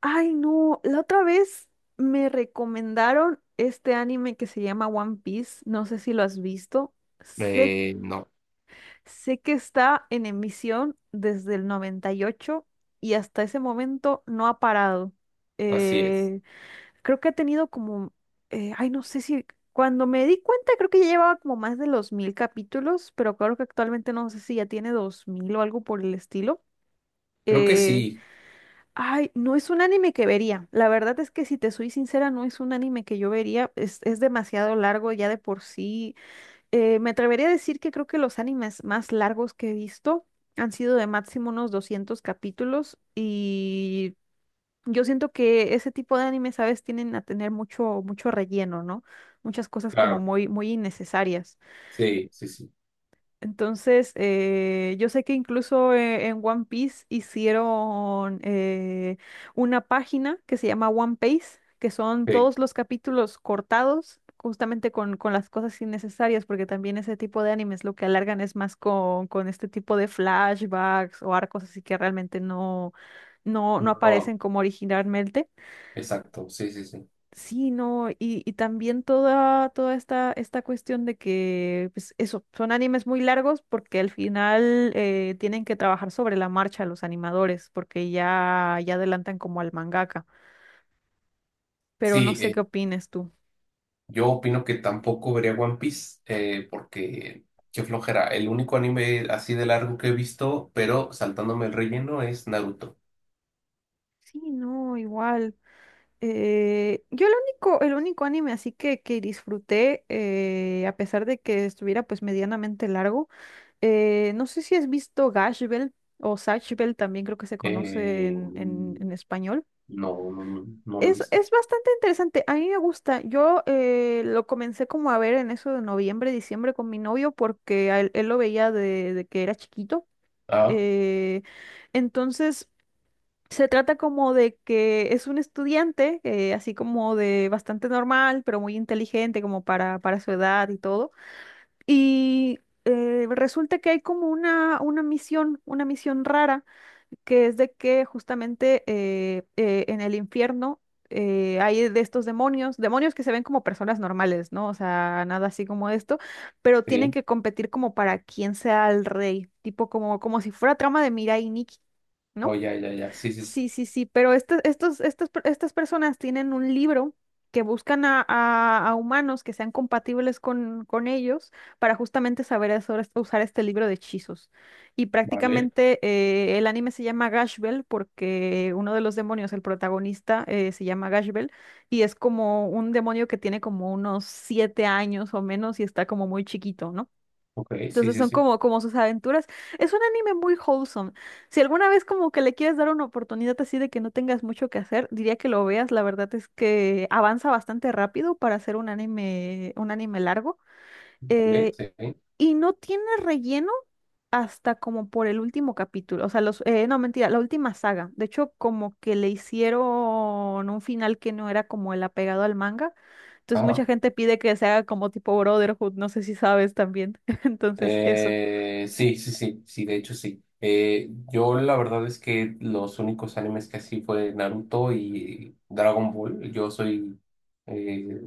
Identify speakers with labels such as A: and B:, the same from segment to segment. A: Ay, no, la otra vez me recomendaron este anime que se llama One Piece, no sé si lo has visto. Sé,
B: No,
A: sé que está en emisión desde el 98 y hasta ese momento no ha parado.
B: así es.
A: Eh, Creo que ha tenido como, ay, no sé si, cuando me di cuenta creo que ya llevaba como más de los 1.000 capítulos, pero creo que actualmente no sé si ya tiene 2.000 o algo por el estilo.
B: Creo que
A: Eh,
B: sí,
A: Ay, no es un anime que vería. La verdad es que si te soy sincera, no es un anime que yo vería. Es demasiado largo ya de por sí. Me atrevería a decir que creo que los animes más largos que he visto han sido de máximo unos 200 capítulos, y yo siento que ese tipo de animes, ¿sabes? Tienen a tener mucho, mucho relleno, ¿no? Muchas cosas como
B: claro.
A: muy, muy innecesarias.
B: Sí, sí, sí.
A: Entonces, yo sé que incluso en One Piece hicieron una página que se llama One Piece, que son
B: Sí.
A: todos los capítulos cortados, justamente con las cosas innecesarias, porque también ese tipo de animes lo que alargan es más con este tipo de flashbacks o arcos así que realmente no
B: No,
A: aparecen como originalmente.
B: exacto. Sí, sí, sí.
A: Sí, no, y también toda esta cuestión de que, pues eso, son animes muy largos porque al final tienen que trabajar sobre la marcha los animadores, porque ya adelantan como al mangaka. Pero no
B: Sí,
A: sé qué opines tú.
B: yo opino que tampoco vería One Piece porque qué flojera. El único anime así de largo que he visto, pero saltándome el relleno, es Naruto.
A: Sí, no, igual. Yo el único anime así que disfruté, a pesar de que estuviera pues medianamente largo, no sé si has visto Gash Bell o Zatch Bell, también creo que se conoce
B: Eh,
A: en español.
B: no, no lo he
A: Es,
B: visto.
A: es bastante interesante, a mí me gusta. Yo lo comencé como a ver en eso de noviembre, diciembre con mi novio porque él lo veía de que era chiquito.
B: Ah,
A: Eh, entonces, se trata como de que es un estudiante, así como de bastante normal, pero muy inteligente como para su edad y todo. Y resulta que hay como una misión rara que es de que justamente en el infierno hay de estos demonios, demonios que se ven como personas normales, ¿no? O sea, nada así como esto, pero tienen
B: sí.
A: que competir como para quién sea el rey, tipo como si fuera trama de Mirai y Nikki,
B: Oh,
A: ¿no?
B: ya, ya, ya. Sí, sí, sí.
A: Sí, sí, sí, pero estas personas tienen un libro que buscan a humanos que sean compatibles con ellos para justamente saber usar este libro de hechizos. Y
B: Vale.
A: prácticamente el anime se llama Gash Bell porque uno de los demonios, el protagonista, se llama Gash Bell, y es como un demonio que tiene como unos 7 años o menos y está como muy chiquito, ¿no?
B: Ok, sí,
A: Entonces
B: sí,
A: son
B: sí.
A: como sus aventuras. Es un anime muy wholesome. Si alguna vez como que le quieres dar una oportunidad así de que no tengas mucho que hacer, diría que lo veas. La verdad es que avanza bastante rápido para hacer un anime largo.
B: Vale,
A: eh,
B: sí.
A: y no tiene relleno hasta como por el último capítulo. O sea, no, mentira, la última saga. De hecho, como que le hicieron un final que no era como el apegado al manga. Entonces mucha
B: Ah.
A: gente pide que se haga como tipo Brotherhood. No sé si sabes también. Entonces, eso.
B: Sí, sí, sí, sí, de hecho sí. Yo la verdad es que los únicos animes que así fue Naruto y Dragon Ball. Yo soy, eh,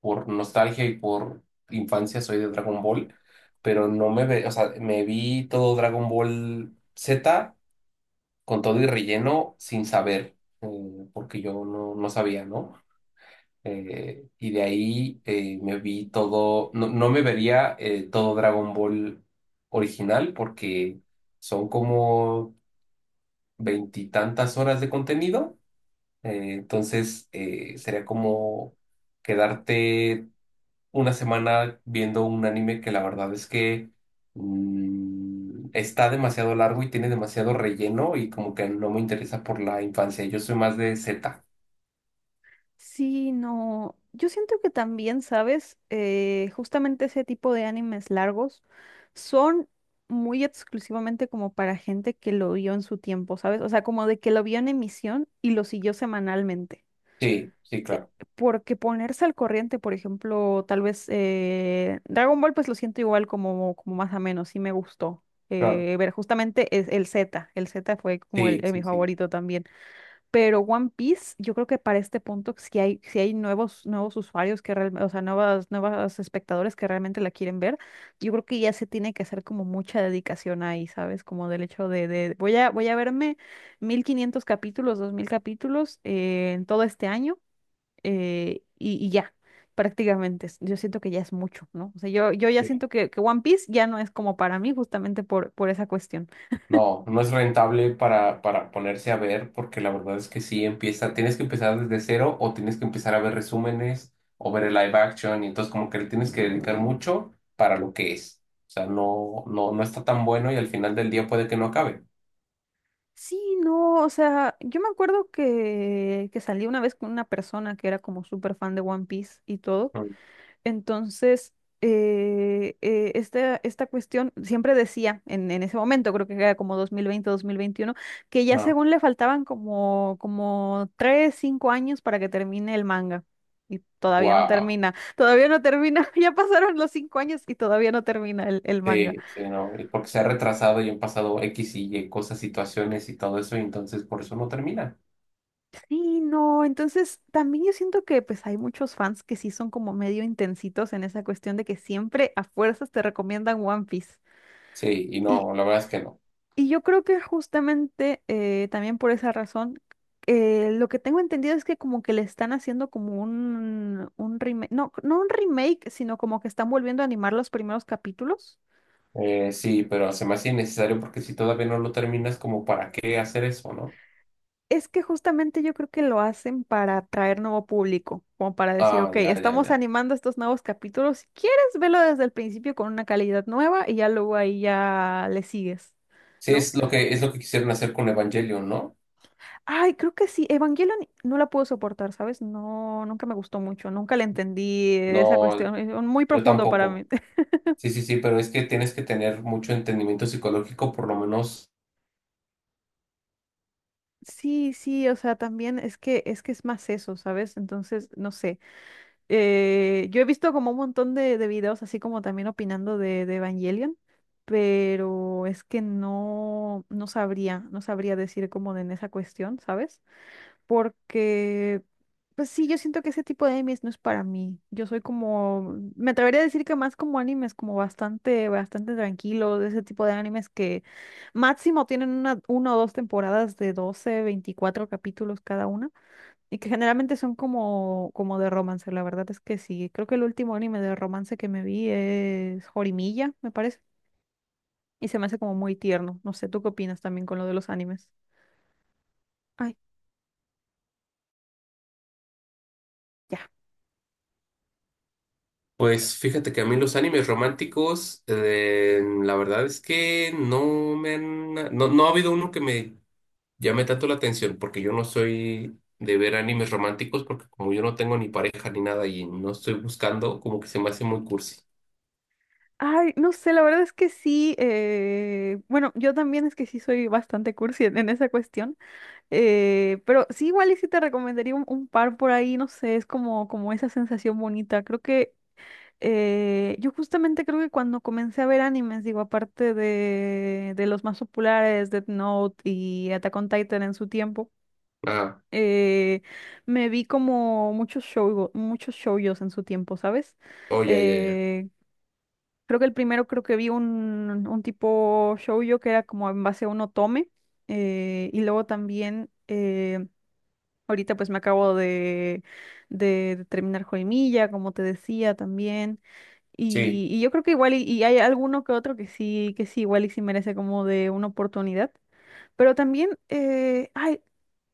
B: por nostalgia y por infancia, soy de Dragon Ball, pero no me ve, o sea, me vi todo Dragon Ball Z con todo y relleno sin saber, porque yo no sabía, ¿no? Y de ahí me vi todo, no, no me vería todo Dragon Ball original porque son como veintitantas horas de contenido. Entonces sería como quedarte una semana viendo un anime que la verdad es que está demasiado largo y tiene demasiado relleno y como que no me interesa por la infancia. Yo soy más de Z.
A: Sí, no. Yo siento que también, ¿sabes? Justamente ese tipo de animes largos son muy exclusivamente como para gente que lo vio en su tiempo, ¿sabes? O sea, como de que lo vio en emisión y lo siguió semanalmente.
B: Sí, sí, claro,
A: Porque ponerse al corriente, por ejemplo, tal vez Dragon Ball, pues lo siento igual como más ameno, sí me gustó.
B: claro.
A: Ver justamente el Z fue como
B: Sí,
A: el mi
B: sí, sí.
A: favorito también. Pero One Piece, yo creo que para este punto si hay nuevos usuarios que realmente, o sea, nuevas espectadores que realmente la quieren ver, yo creo que ya se tiene que hacer como mucha dedicación ahí, ¿sabes? Como del hecho de voy a verme 1.500 capítulos, 2.000 capítulos en todo este año, y ya, prácticamente. Yo siento que ya es mucho, ¿no? O sea, yo ya siento que One Piece ya no es como para mí justamente por esa cuestión.
B: No, no es rentable para ponerse a ver, porque la verdad es que sí empieza, tienes que empezar desde cero o tienes que empezar a ver resúmenes o ver el live action, y entonces como que le tienes que dedicar mucho para lo que es. O sea, no está tan bueno y al final del día puede que no acabe.
A: Sí, no, o sea, yo me acuerdo que salí una vez con una persona que era como súper fan de One Piece y todo.
B: Mm.
A: Entonces, esta cuestión siempre decía, en ese momento, creo que era como 2020 2021, que ya
B: Ah,
A: según le faltaban como 3 5 años para que termine el manga. Y
B: wow.
A: todavía no termina, ya pasaron los 5 años y todavía no termina el manga.
B: Sí, sí, no, y porque se ha retrasado y han pasado X y Y cosas, situaciones y todo eso, y entonces por eso no termina.
A: Sí, no, entonces también yo siento que pues hay muchos fans que sí son como medio intensitos en esa cuestión de que siempre a fuerzas te recomiendan One Piece.
B: Sí, y
A: Y,
B: no, la verdad es que no.
A: y yo creo que justamente también por esa razón, lo que tengo entendido es que como que le están haciendo como un remake, no, no un remake, sino como que están volviendo a animar los primeros capítulos.
B: Sí, pero se me hace innecesario porque si todavía no lo terminas, como para qué hacer eso, ¿no?
A: Es que justamente yo creo que lo hacen para atraer nuevo público, como para decir,
B: Ah,
A: ok,
B: ya, ya,
A: estamos
B: ya.
A: animando estos nuevos capítulos. Si quieres, velo desde el principio con una calidad nueva y ya luego ahí ya le sigues,
B: Sí,
A: ¿no?
B: es lo que quisieron hacer con Evangelion, ¿no?
A: Ay, creo que sí, Evangelion no la puedo soportar, ¿sabes? No, nunca me gustó mucho, nunca le entendí esa
B: No,
A: cuestión, es muy
B: yo
A: profundo para
B: tampoco.
A: mí.
B: Sí, sí, sí, pero es que tienes que tener mucho entendimiento psicológico, por lo menos.
A: Sí, sí, o sea, también es que es más eso, ¿sabes? Entonces, no sé. Yo he visto como un montón de videos así como también opinando de Evangelion, pero es que no sabría decir como en esa cuestión, ¿sabes? Porque, pues sí, yo siento que ese tipo de animes no es para mí. Yo soy como, me atrevería a decir que más como animes como bastante, bastante tranquilos, de ese tipo de animes que máximo tienen una o dos temporadas de 12 24 capítulos cada una. Y que generalmente son como de romance, la verdad es que sí. Creo que el último anime de romance que me vi es Horimiya, me parece. Y se me hace como muy tierno. No sé, ¿tú qué opinas también con lo de los animes? Ay, ya.
B: Pues fíjate que a mí los animes románticos, la verdad es que no me han, no ha habido uno que me llame tanto la atención porque yo no soy de ver animes románticos porque como yo no tengo ni pareja ni nada y no estoy buscando, como que se me hace muy cursi.
A: Ay, no sé, la verdad es que sí. Bueno, yo también es que sí soy bastante cursi en esa cuestión. Pero sí, igual y sí te recomendaría un par por ahí, no sé, es como esa sensación bonita. Creo que yo justamente creo que cuando comencé a ver animes, digo, aparte de los más populares, Death Note y Attack on Titan en su tiempo,
B: Ah,
A: eh, me vi como muchos shoujos en su tiempo, ¿sabes?
B: oh, ya, ya, ya.
A: Eh, Creo que el primero creo que vi un tipo shoujo que era como en base a un otome, y luego también ahorita pues me acabo de terminar Joemilla, como te decía también.
B: Sí,
A: Y yo creo que igual y hay alguno que otro que sí, igual y sí merece como de una oportunidad. Pero también, ay,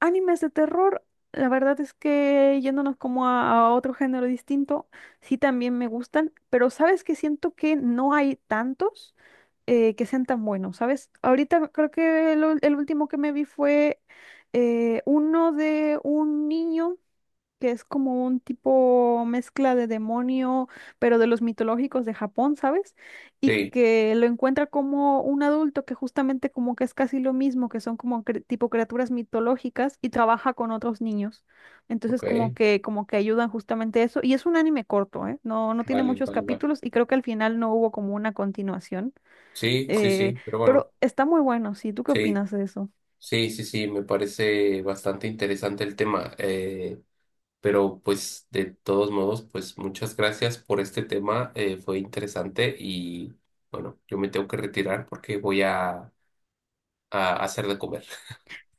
A: animes de terror, la verdad es que yéndonos como a otro género distinto, sí también me gustan, pero sabes que siento que no hay tantos que sean tan buenos, ¿sabes? Ahorita creo que el último que me vi fue uno de un niño que es como un tipo mezcla de demonio, pero de los mitológicos de Japón, ¿sabes? Y
B: sí,
A: que lo encuentra como un adulto que justamente como que es casi lo mismo, que son como tipo criaturas mitológicas y trabaja con otros niños. Entonces
B: ok,
A: como que ayudan justamente eso, y es un anime corto, ¿eh? No tiene
B: vale,
A: muchos
B: vale, vale.
A: capítulos y creo que al final no hubo como una continuación.
B: Sí, sí,
A: Eh,
B: sí, pero bueno,
A: pero está muy bueno, sí. ¿Tú qué
B: sí,
A: opinas de eso?
B: sí, sí, sí, me parece bastante interesante el tema. Pero pues de todos modos, pues muchas gracias por este tema, fue interesante y bueno, yo me tengo que retirar porque voy a hacer de comer.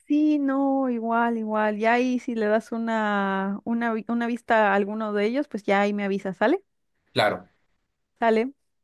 A: Sí, no, igual, igual. Ya ahí si le das una vista a alguno de ellos, pues ya ahí me avisa, ¿sale?
B: Claro.
A: Sale.